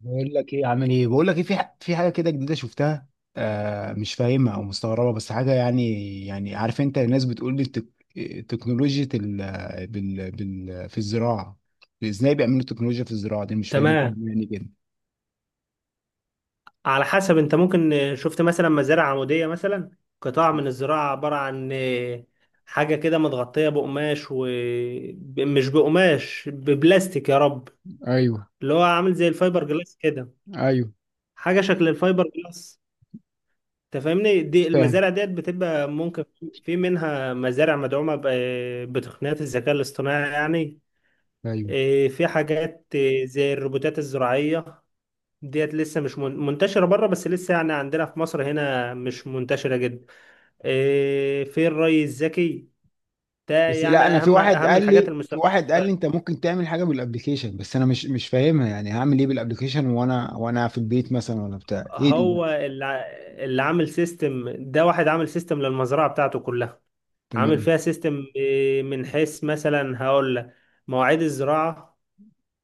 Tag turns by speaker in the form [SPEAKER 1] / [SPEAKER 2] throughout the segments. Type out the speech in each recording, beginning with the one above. [SPEAKER 1] بقول لك ايه عامل ايه بقول لك ايه في في حاجه كده جديده شفتها. آه، مش فاهمها او مستغربه، بس حاجه يعني. يعني عارف انت، الناس بتقول لي تكنولوجيا في الزراعه. ازاي بيعملوا تكنولوجيا في الزراعه دي؟ مش فاهم،
[SPEAKER 2] تمام.
[SPEAKER 1] يعني كده.
[SPEAKER 2] على حسب، انت ممكن شفت مثلا مزارع عمودية مثلا. قطاع من الزراعة عبارة عن حاجة كده متغطية بقماش، ومش بقماش، ببلاستيك يا رب،
[SPEAKER 1] ايوه.
[SPEAKER 2] اللي هو عامل زي الفايبر جلاس كده،
[SPEAKER 1] ايوه.
[SPEAKER 2] حاجة شكل الفايبر جلاس. انت فاهمني، دي
[SPEAKER 1] فاهم.
[SPEAKER 2] المزارع ديت بتبقى ممكن في منها مزارع مدعومة بتقنيات الذكاء الاصطناعي يعني.
[SPEAKER 1] ايوه.
[SPEAKER 2] في حاجات زي الروبوتات الزراعية ديت لسه مش من- منتشرة بره، بس لسه يعني عندنا في مصر هنا مش منتشرة جدا. في الري الذكي، ده
[SPEAKER 1] بس
[SPEAKER 2] يعني
[SPEAKER 1] لا، انا في
[SPEAKER 2] أهم
[SPEAKER 1] واحد
[SPEAKER 2] أهم
[SPEAKER 1] قال
[SPEAKER 2] الحاجات
[SPEAKER 1] لي،
[SPEAKER 2] المستقبل.
[SPEAKER 1] انت ممكن تعمل حاجه بالابلكيشن، بس انا مش فاهمها يعني هعمل ايه بالابلكيشن وانا في البيت مثلا، ولا بتاع ايه دي بقى؟
[SPEAKER 2] هو اللي ع- اللي عامل سيستم ده، واحد عامل سيستم للمزرعة بتاعته كلها، عامل
[SPEAKER 1] تمام.
[SPEAKER 2] فيها سيستم من حيث مثلا، هقول لك مواعيد الزراعة،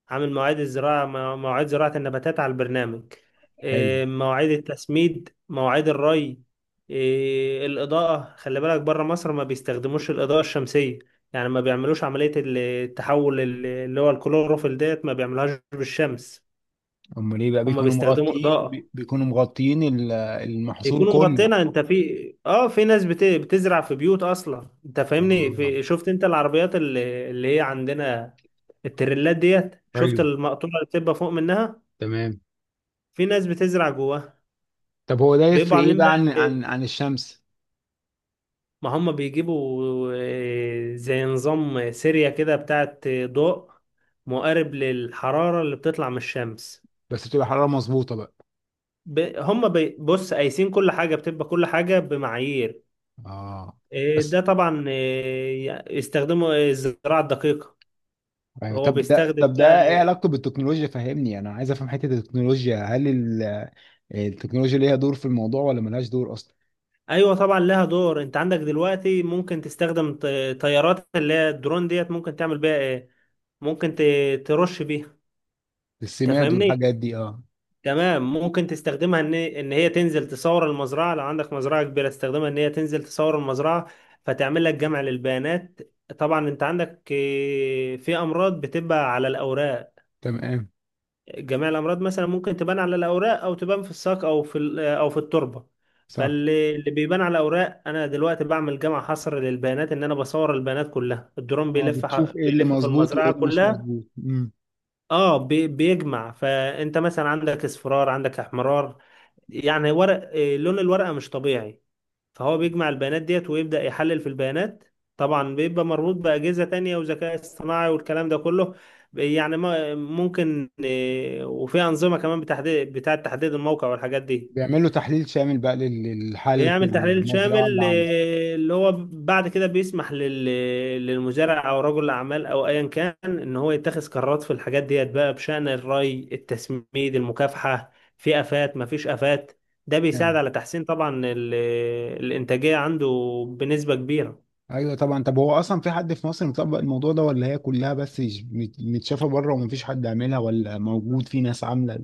[SPEAKER 2] عامل مواعيد الزراعة، مواعيد زراعة النباتات على البرنامج،
[SPEAKER 1] حلو.
[SPEAKER 2] مواعيد التسميد، مواعيد الري، الإضاءة. خلي بالك بره مصر ما بيستخدموش الإضاءة الشمسية، يعني ما بيعملوش عملية التحول اللي هو الكلوروفيل ديت ما بيعملوهاش بالشمس.
[SPEAKER 1] امال ايه بقى؟
[SPEAKER 2] هم
[SPEAKER 1] بيكونوا
[SPEAKER 2] بيستخدموا
[SPEAKER 1] مغطيين
[SPEAKER 2] إضاءة،
[SPEAKER 1] بيكونوا مغطيين المحصول
[SPEAKER 2] بيكونوا
[SPEAKER 1] كله.
[SPEAKER 2] مغطينها. انت في اه، في ناس بتزرع في بيوت اصلا. انت فاهمني
[SPEAKER 1] اه.
[SPEAKER 2] في... شفت انت العربيات اللي هي عندنا، التريلات ديت؟ شفت
[SPEAKER 1] ايوه.
[SPEAKER 2] المقطورة اللي بتبقى فوق منها؟
[SPEAKER 1] تمام.
[SPEAKER 2] في ناس بتزرع جواها.
[SPEAKER 1] طب هو ده
[SPEAKER 2] بيبقوا
[SPEAKER 1] يفرق ايه
[SPEAKER 2] عاملين بقى
[SPEAKER 1] بقى عن
[SPEAKER 2] إيه؟
[SPEAKER 1] الشمس؟
[SPEAKER 2] ما هم بيجيبوا زي نظام سيريا كده بتاعت ضوء مقارب للحرارة اللي بتطلع من الشمس.
[SPEAKER 1] بس بتبقى حرارة مظبوطة بقى.
[SPEAKER 2] بص، قايسين كل حاجة، بتبقى كل حاجة بمعايير.
[SPEAKER 1] اه. بس.
[SPEAKER 2] ده طبعا يستخدموا الزراعة الدقيقة.
[SPEAKER 1] ايوه،
[SPEAKER 2] هو
[SPEAKER 1] طب ده
[SPEAKER 2] بيستخدم بقى.
[SPEAKER 1] ايه علاقته بالتكنولوجيا؟ فهمني، انا عايز افهم حتة التكنولوجيا. التكنولوجيا ليها دور في الموضوع ولا ملهاش دور اصلا؟
[SPEAKER 2] ايوه طبعا لها دور. انت عندك دلوقتي ممكن تستخدم طيارات اللي هي الدرون ديت، ممكن تعمل بيها ايه، ممكن ترش بيها. انت
[SPEAKER 1] السماد
[SPEAKER 2] فاهمني؟
[SPEAKER 1] والحاجات دي، اه.
[SPEAKER 2] تمام. ممكن تستخدمها ان هي تنزل تصور المزرعه، لو عندك مزرعه كبيره تستخدمها ان هي تنزل تصور المزرعه، فتعمل لك جمع للبيانات. طبعا انت عندك في امراض بتبقى على الاوراق.
[SPEAKER 1] تمام.
[SPEAKER 2] جميع الامراض مثلا ممكن تبان على الاوراق، او تبان في الساق، او في او في التربه.
[SPEAKER 1] صح.
[SPEAKER 2] فاللي بيبان على الاوراق، انا دلوقتي بعمل جمع، حصر للبيانات، ان انا بصور البيانات كلها. الدرون
[SPEAKER 1] اه، بتشوف ايه اللي
[SPEAKER 2] بيلف في
[SPEAKER 1] مظبوط وايه
[SPEAKER 2] المزرعه
[SPEAKER 1] اللي مش
[SPEAKER 2] كلها،
[SPEAKER 1] مظبوط.
[SPEAKER 2] اه. بيجمع، فانت مثلا عندك اصفرار، عندك احمرار، يعني ورق لون الورقة مش طبيعي. فهو بيجمع البيانات ديت ويبدأ يحلل في البيانات. طبعا بيبقى مربوط بأجهزة تانية وذكاء اصطناعي والكلام ده كله. يعني ممكن وفي أنظمة كمان بتحديد، بتاعة تحديد الموقع والحاجات دي.
[SPEAKER 1] بيعملوا تحليل شامل بقى لحالة
[SPEAKER 2] بيعمل تحليل
[SPEAKER 1] المزرعة
[SPEAKER 2] شامل
[SPEAKER 1] اللي عنده.
[SPEAKER 2] اللي هو بعد كده بيسمح للمزارع او رجل الاعمال او ايا كان ان هو يتخذ قرارات في الحاجات ديت بقى بشأن الري، التسميد، المكافحة، في افات ما فيش افات. ده بيساعد
[SPEAKER 1] يعني.
[SPEAKER 2] على تحسين طبعا الانتاجية عنده بنسبة كبيرة.
[SPEAKER 1] ايوه طبعا. طب هو اصلا في حد في مصر مطبق الموضوع ده، ولا هي كلها بس متشافة بره ومفيش حد عاملها، ولا موجود في ناس عاملة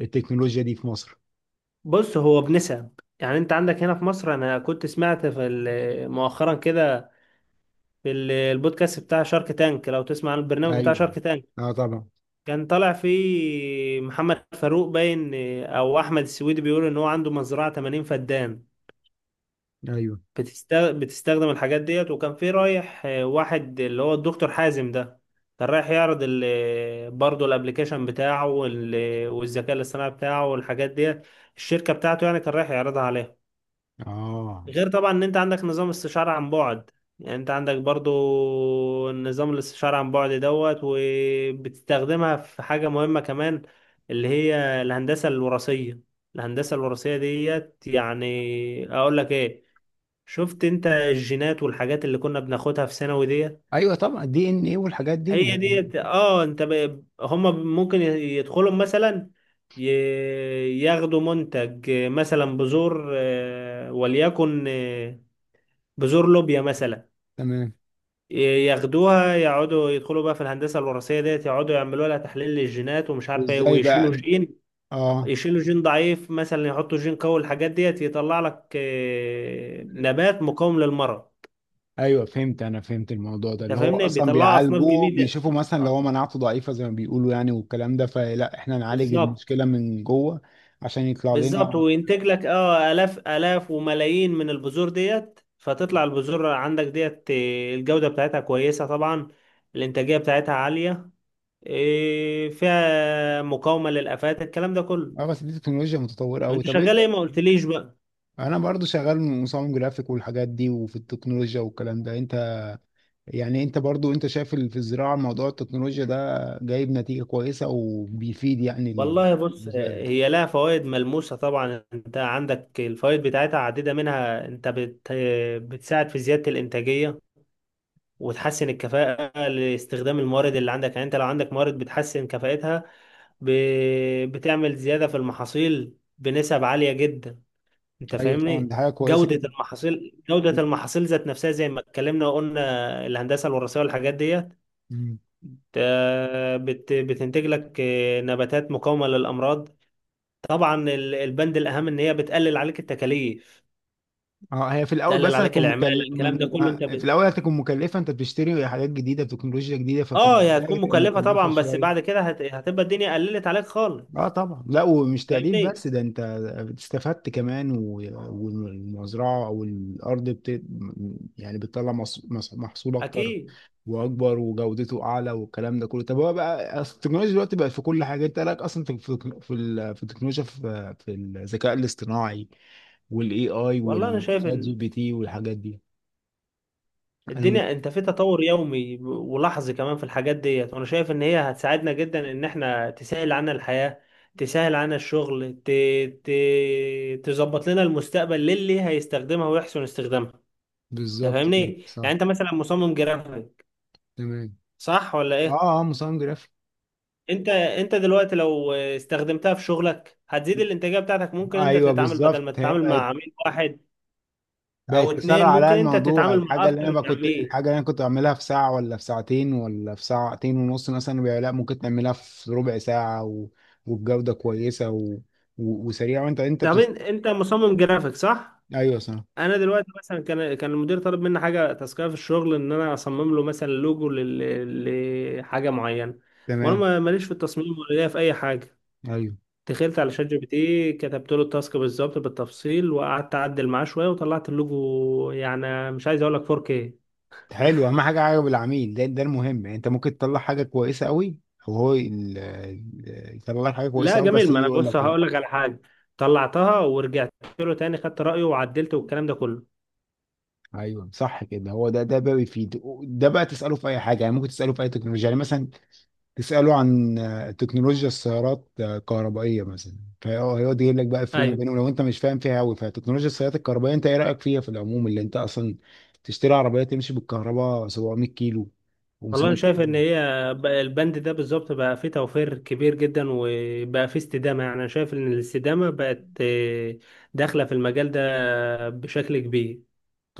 [SPEAKER 1] التكنولوجيا دي في مصر؟
[SPEAKER 2] بص، هو بنسب، يعني انت عندك هنا في مصر، انا كنت سمعت في مؤخرا كده، في البودكاست بتاع شارك تانك، لو تسمع عن البرنامج بتاع
[SPEAKER 1] ايوه.
[SPEAKER 2] شارك تانك.
[SPEAKER 1] اه طبعا.
[SPEAKER 2] كان طالع فيه محمد فاروق باين، او احمد السويدي، بيقول ان هو عنده مزرعه 80 فدان
[SPEAKER 1] ايوه.
[SPEAKER 2] بتستخدم الحاجات ديت. وكان في رايح واحد اللي هو الدكتور حازم ده، كان رايح يعرض ال... برضه الابليكيشن بتاعه، وال... والذكاء الاصطناعي بتاعه والحاجات ديت، الشركه بتاعته يعني، كان رايح يعرضها عليها.
[SPEAKER 1] اه.
[SPEAKER 2] غير طبعا ان انت عندك نظام استشارة عن بعد. يعني انت عندك برضو نظام الاستشارة عن بعد دوت، وبتستخدمها في حاجة مهمة كمان، اللي هي الهندسة الوراثية. الهندسة الوراثية ديت، يعني اقول لك ايه، شفت انت الجينات والحاجات اللي كنا بناخدها في ثانوي ديت،
[SPEAKER 1] ايوه طبعا، دي ان ايه والحاجات دي
[SPEAKER 2] هي
[SPEAKER 1] اللي...
[SPEAKER 2] ديت. اه، انت ب... هما ممكن يدخلوا مثلا، ي... ياخدوا منتج مثلا، بذور وليكن بذور لوبيا مثلا.
[SPEAKER 1] تمام.
[SPEAKER 2] ياخدوها، يقعدوا يدخلوا بقى في الهندسه الوراثيه ديت، يقعدوا يعملوا لها تحليل للجينات ومش عارفه ايه،
[SPEAKER 1] وازاي
[SPEAKER 2] ويشيلوا
[SPEAKER 1] بقى؟
[SPEAKER 2] جين،
[SPEAKER 1] اه.
[SPEAKER 2] يشيلوا جين ضعيف مثلا، يحطوا جين قوي، الحاجات ديت يطلع لك نبات مقاوم للمرض.
[SPEAKER 1] ايوه فهمت، انا فهمت الموضوع ده،
[SPEAKER 2] انت
[SPEAKER 1] اللي هو
[SPEAKER 2] فاهمني؟
[SPEAKER 1] اصلا
[SPEAKER 2] بيطلع اصناف
[SPEAKER 1] بيعالجوه
[SPEAKER 2] جديده.
[SPEAKER 1] بيشوفوا مثلا لو هو
[SPEAKER 2] آه،
[SPEAKER 1] مناعته ضعيفه زي ما بيقولوا يعني، والكلام ده، فلا احنا نعالج
[SPEAKER 2] بالظبط.
[SPEAKER 1] المشكله من جوه عشان يطلع
[SPEAKER 2] بالظبط،
[SPEAKER 1] لنا.
[SPEAKER 2] وينتج لك اه آلاف وملايين من البذور ديت، فتطلع البذور عندك ديت، الجودة بتاعتها كويسة طبعا، الإنتاجية بتاعتها عالية، فيها مقاومة للآفات، الكلام ده
[SPEAKER 1] اه
[SPEAKER 2] كله.
[SPEAKER 1] بس دي تكنولوجيا متطوره قوي.
[SPEAKER 2] انت
[SPEAKER 1] طب انت؟
[SPEAKER 2] شغال ايه؟ ما قلتليش بقى.
[SPEAKER 1] انا برضو شغال مصمم جرافيك والحاجات دي، وفي التكنولوجيا والكلام ده. انت يعني، انت برضو، انت شايف في الزراعه موضوع التكنولوجيا ده جايب نتيجه كويسه وبيفيد يعني؟
[SPEAKER 2] والله بص،
[SPEAKER 1] المزارع.
[SPEAKER 2] هي لها فوائد ملموسة طبعا. انت عندك الفوائد بتاعتها عديدة، منها انت بتساعد في زيادة الإنتاجية، وتحسن الكفاءة لاستخدام الموارد اللي عندك. يعني انت لو عندك موارد بتحسن كفاءتها، ب... بتعمل زيادة في المحاصيل بنسب عالية جدا. انت
[SPEAKER 1] ايوه طبعا،
[SPEAKER 2] فاهمني؟
[SPEAKER 1] دي حاجه كويسه
[SPEAKER 2] جودة المحاصيل، جودة
[SPEAKER 1] جدا.
[SPEAKER 2] المحاصيل ذات نفسها زي ما اتكلمنا وقلنا، الهندسة الوراثية والحاجات ديت، بت... بتنتج لك نباتات مقاومة للأمراض. طبعا البند الأهم إن هي بتقلل عليك التكاليف،
[SPEAKER 1] اه، هي في الاول
[SPEAKER 2] تقلل
[SPEAKER 1] بس
[SPEAKER 2] عليك
[SPEAKER 1] هتكون
[SPEAKER 2] العمالة،
[SPEAKER 1] مكل...
[SPEAKER 2] الكلام ده
[SPEAKER 1] م-
[SPEAKER 2] كله. انت
[SPEAKER 1] آه، في
[SPEAKER 2] بت...
[SPEAKER 1] الاول هتكون مكلفه. انت بتشتري حاجات جديده، تكنولوجيا جديده، ففي
[SPEAKER 2] اه، هي
[SPEAKER 1] البدايه
[SPEAKER 2] هتكون
[SPEAKER 1] هتبقى
[SPEAKER 2] مكلفة
[SPEAKER 1] مكلفه
[SPEAKER 2] طبعا، بس
[SPEAKER 1] شويه.
[SPEAKER 2] بعد كده هت... هتبقى الدنيا قللت عليك
[SPEAKER 1] اه
[SPEAKER 2] خالص.
[SPEAKER 1] طبعا. لا ومش تقليل بس،
[SPEAKER 2] فاهمني؟
[SPEAKER 1] ده انت استفدت كمان، و... والمزرعه او الارض بت... يعني بتطلع محصول اكتر
[SPEAKER 2] اكيد.
[SPEAKER 1] واكبر وجودته اعلى والكلام ده كله. طب هو بقى أصل التكنولوجيا دلوقتي بقت في كل حاجه. انت لك اصلا في التكنولوجيا، في الذكاء الاصطناعي والاي اي
[SPEAKER 2] والله انا شايف
[SPEAKER 1] والشات جي
[SPEAKER 2] ان
[SPEAKER 1] بي تي والحاجات دي. انا من.
[SPEAKER 2] الدنيا انت في تطور يومي ولحظي كمان في الحاجات ديت. وانا شايف ان هي هتساعدنا جدا، ان احنا تسهل عنا الحياة، تسهل عنا الشغل، ت... ت... تظبط لنا المستقبل للي هيستخدمها ويحسن استخدامها. انت
[SPEAKER 1] بالظبط كده،
[SPEAKER 2] فاهمني؟ يعني
[SPEAKER 1] صح.
[SPEAKER 2] انت مثلا مصمم جرافيك،
[SPEAKER 1] تمام.
[SPEAKER 2] صح ولا ايه؟
[SPEAKER 1] اه. اه مصمم جرافيك.
[SPEAKER 2] انت دلوقتي لو استخدمتها في شغلك، هتزيد الانتاجية بتاعتك. ممكن انت
[SPEAKER 1] ايوه
[SPEAKER 2] تتعامل، بدل ما
[SPEAKER 1] بالظبط، هي
[SPEAKER 2] تتعامل مع
[SPEAKER 1] بقت
[SPEAKER 2] عميل واحد او
[SPEAKER 1] تسرع
[SPEAKER 2] اتنين،
[SPEAKER 1] عليا
[SPEAKER 2] ممكن انت
[SPEAKER 1] الموضوع.
[SPEAKER 2] تتعامل مع اكتر من عميل.
[SPEAKER 1] الحاجه اللي انا كنت بعملها في ساعه، ولا في ساعتين، ولا في ساعتين ونص مثلا، بقى لا ممكن تعملها في ربع ساعه، و... وبجوده كويسه، و... و... وسريعه. وانت
[SPEAKER 2] ده
[SPEAKER 1] بتست...
[SPEAKER 2] من- انت مصمم جرافيك، صح؟
[SPEAKER 1] ايوه صح.
[SPEAKER 2] انا دلوقتي مثلا، كان المدير طالب مني حاجه تاسكيه في الشغل، ان انا اصمم له مثلا لوجو لحاجه معينه، وانا
[SPEAKER 1] تمام.
[SPEAKER 2] ماليش في التصميم ولا ليا في اي حاجه.
[SPEAKER 1] ايوه.
[SPEAKER 2] دخلت على شات جي بي تي، كتبت له التاسك بالظبط بالتفصيل، وقعدت اعدل معاه شويه، وطلعت اللوجو يعني مش عايز اقول لك 4K.
[SPEAKER 1] حلو، اهم حاجه عجب العميل، ده ده المهم يعني. انت ممكن تطلع حاجه كويسه قوي، وهو يطلع لك حاجه كويسه
[SPEAKER 2] لا
[SPEAKER 1] قوي بس
[SPEAKER 2] جميل.
[SPEAKER 1] يجي
[SPEAKER 2] ما انا
[SPEAKER 1] يقول
[SPEAKER 2] بص،
[SPEAKER 1] لك لا.
[SPEAKER 2] هقول لك على حاجه، طلعتها ورجعت له تاني، خدت رايه وعدلته والكلام ده كله.
[SPEAKER 1] ايوه صح كده، هو ده بقى بيفيد. ده بقى تساله في اي حاجه يعني، ممكن تساله في اي تكنولوجيا يعني. مثلا تساله عن تكنولوجيا السيارات الكهربائيه مثلا، فهو هيقعد يجيب لك بقى فروم
[SPEAKER 2] ايوه.
[SPEAKER 1] بينهم لو انت مش فاهم فيها قوي. فتكنولوجيا السيارات الكهربائيه، انت ايه رايك فيها في العموم، اللي انت اصلا تشتري عربيه تمشي بالكهرباء 700 كيلو،
[SPEAKER 2] والله انا
[SPEAKER 1] 500 كيلو؟
[SPEAKER 2] شايف ان هي بقى البند ده بالظبط بقى فيه توفير كبير جدا، وبقى فيه استدامه. يعني انا شايف ان الاستدامه بقت داخله في المجال ده بشكل كبير.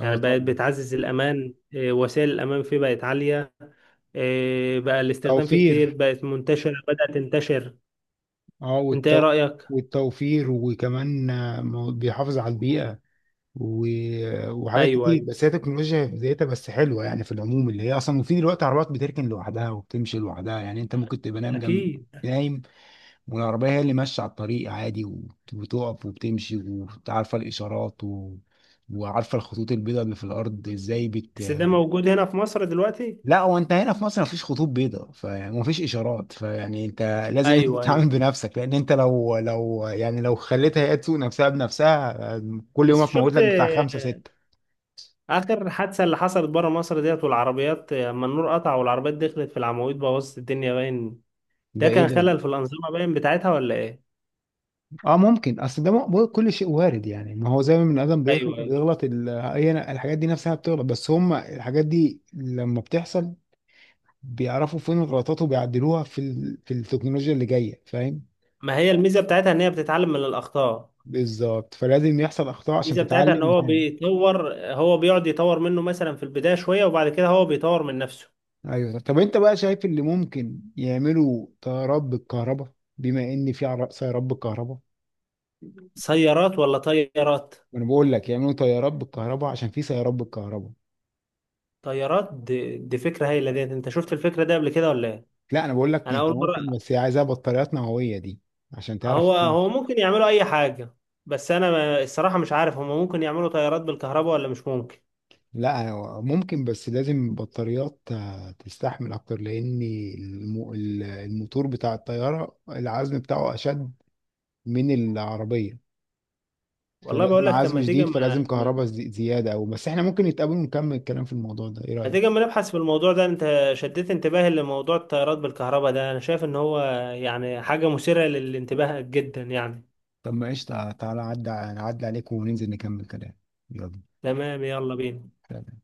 [SPEAKER 2] يعني بقت
[SPEAKER 1] طبعا،
[SPEAKER 2] بتعزز الامان، وسائل الامان فيه بقت عاليه، بقى الاستخدام فيه كتير،
[SPEAKER 1] توفير.
[SPEAKER 2] بقت منتشره، بدات تنتشر.
[SPEAKER 1] اه
[SPEAKER 2] انت ايه
[SPEAKER 1] والتو...
[SPEAKER 2] رايك؟
[SPEAKER 1] والتوفير، وكمان بيحافظ على البيئه، و... وحاجات
[SPEAKER 2] ايوه،
[SPEAKER 1] كتير.
[SPEAKER 2] ايوه،
[SPEAKER 1] بس هي تكنولوجيا في ذاتها بس حلوه يعني. في العموم، اللي هي اصلا، وفي دلوقتي عربيات بتركن لوحدها وبتمشي لوحدها، يعني انت ممكن تبقى نايم جنب.
[SPEAKER 2] اكيد.
[SPEAKER 1] نايم، والعربيه هي اللي ماشيه على الطريق عادي، وبتقف وبتمشي، وعارفه الاشارات، و... وعارفه الخطوط البيضاء اللي في الارض ازاي بت.
[SPEAKER 2] بس ده موجود هنا في مصر دلوقتي؟
[SPEAKER 1] لا، هو انت هنا في مصر مفيش خطوط بيضاء، فيعني مفيش اشارات، فيعني انت لازم انت
[SPEAKER 2] ايوه، ايوه.
[SPEAKER 1] تتعامل بنفسك، لان انت لو يعني لو خليتها هي تسوق نفسها بنفسها، كل يوم
[SPEAKER 2] بس
[SPEAKER 1] هتموت
[SPEAKER 2] شفت
[SPEAKER 1] لك بتاع خمسه سته.
[SPEAKER 2] اخر حادثه اللي حصلت بره مصر ديت، والعربيات اما النور قطع والعربيات دخلت في العواميد، بوظت الدنيا باين. ده
[SPEAKER 1] ده ايه
[SPEAKER 2] كان
[SPEAKER 1] ده؟
[SPEAKER 2] خلل في الانظمه باين بتاعتها ولا ايه؟
[SPEAKER 1] اه ممكن، اصل ده كل شيء وارد يعني. ما هو زي ما البني ادم
[SPEAKER 2] ايوه، ايوه.
[SPEAKER 1] بيغلط، هي الحاجات دي نفسها بتغلط، بس هم الحاجات دي لما بتحصل بيعرفوا فين الغلطات وبيعدلوها في التكنولوجيا اللي جايه، فاهم.
[SPEAKER 2] ما هي الميزه بتاعتها ان هي بتتعلم من الاخطاء.
[SPEAKER 1] بالظبط، فلازم يحصل اخطاء عشان
[SPEAKER 2] الميزه بتاعتها ان
[SPEAKER 1] تتعلم
[SPEAKER 2] هو
[SPEAKER 1] تاني.
[SPEAKER 2] بيطور، هو بيقعد يطور منه مثلا في البدايه شويه، وبعد كده هو بيطور من نفسه.
[SPEAKER 1] ايوه. طب انت بقى شايف اللي ممكن يعملوا طيارات بالكهرباء، بما ان في سيارات بالكهرباء؟
[SPEAKER 2] سيارات ولا طيارات؟
[SPEAKER 1] وانا بقول لك يعملوا طيارات بالكهرباء عشان في سيارات بالكهرباء.
[SPEAKER 2] طيارات دي, فكره هايله ديت. انت شفت الفكره دي قبل كده ولا ايه؟
[SPEAKER 1] لا انا بقول لك
[SPEAKER 2] انا
[SPEAKER 1] انت
[SPEAKER 2] اول
[SPEAKER 1] ممكن،
[SPEAKER 2] مره.
[SPEAKER 1] بس هي عايزاها بطاريات نوويه دي عشان تعرف
[SPEAKER 2] هو
[SPEAKER 1] تمشي.
[SPEAKER 2] ممكن يعملوا اي حاجه، بس انا الصراحه مش عارف هم ممكن يعملوا طيارات بالكهرباء ولا مش ممكن.
[SPEAKER 1] لا ممكن، بس لازم بطاريات تستحمل اكتر، لان الموتور بتاع الطياره العزم بتاعه اشد من العربيه،
[SPEAKER 2] والله بقول
[SPEAKER 1] فلازم
[SPEAKER 2] لك، طب
[SPEAKER 1] عزم
[SPEAKER 2] ما تيجي،
[SPEAKER 1] شديد، فلازم كهرباء زياده. او بس احنا ممكن نتقابل ونكمل الكلام في الموضوع ده، ايه
[SPEAKER 2] ما
[SPEAKER 1] رايك؟
[SPEAKER 2] تيجي ما نبحث في الموضوع ده. انت شديت انتباهي لموضوع الطيارات بالكهرباء ده، انا شايف ان هو يعني حاجه مثيره للانتباه جدا يعني.
[SPEAKER 1] طب ما قشطه، تعالى عدى عليك، وننزل نكمل كلام. يلا.
[SPEAKER 2] تمام، يلا بينا.
[SPEAKER 1] سلام.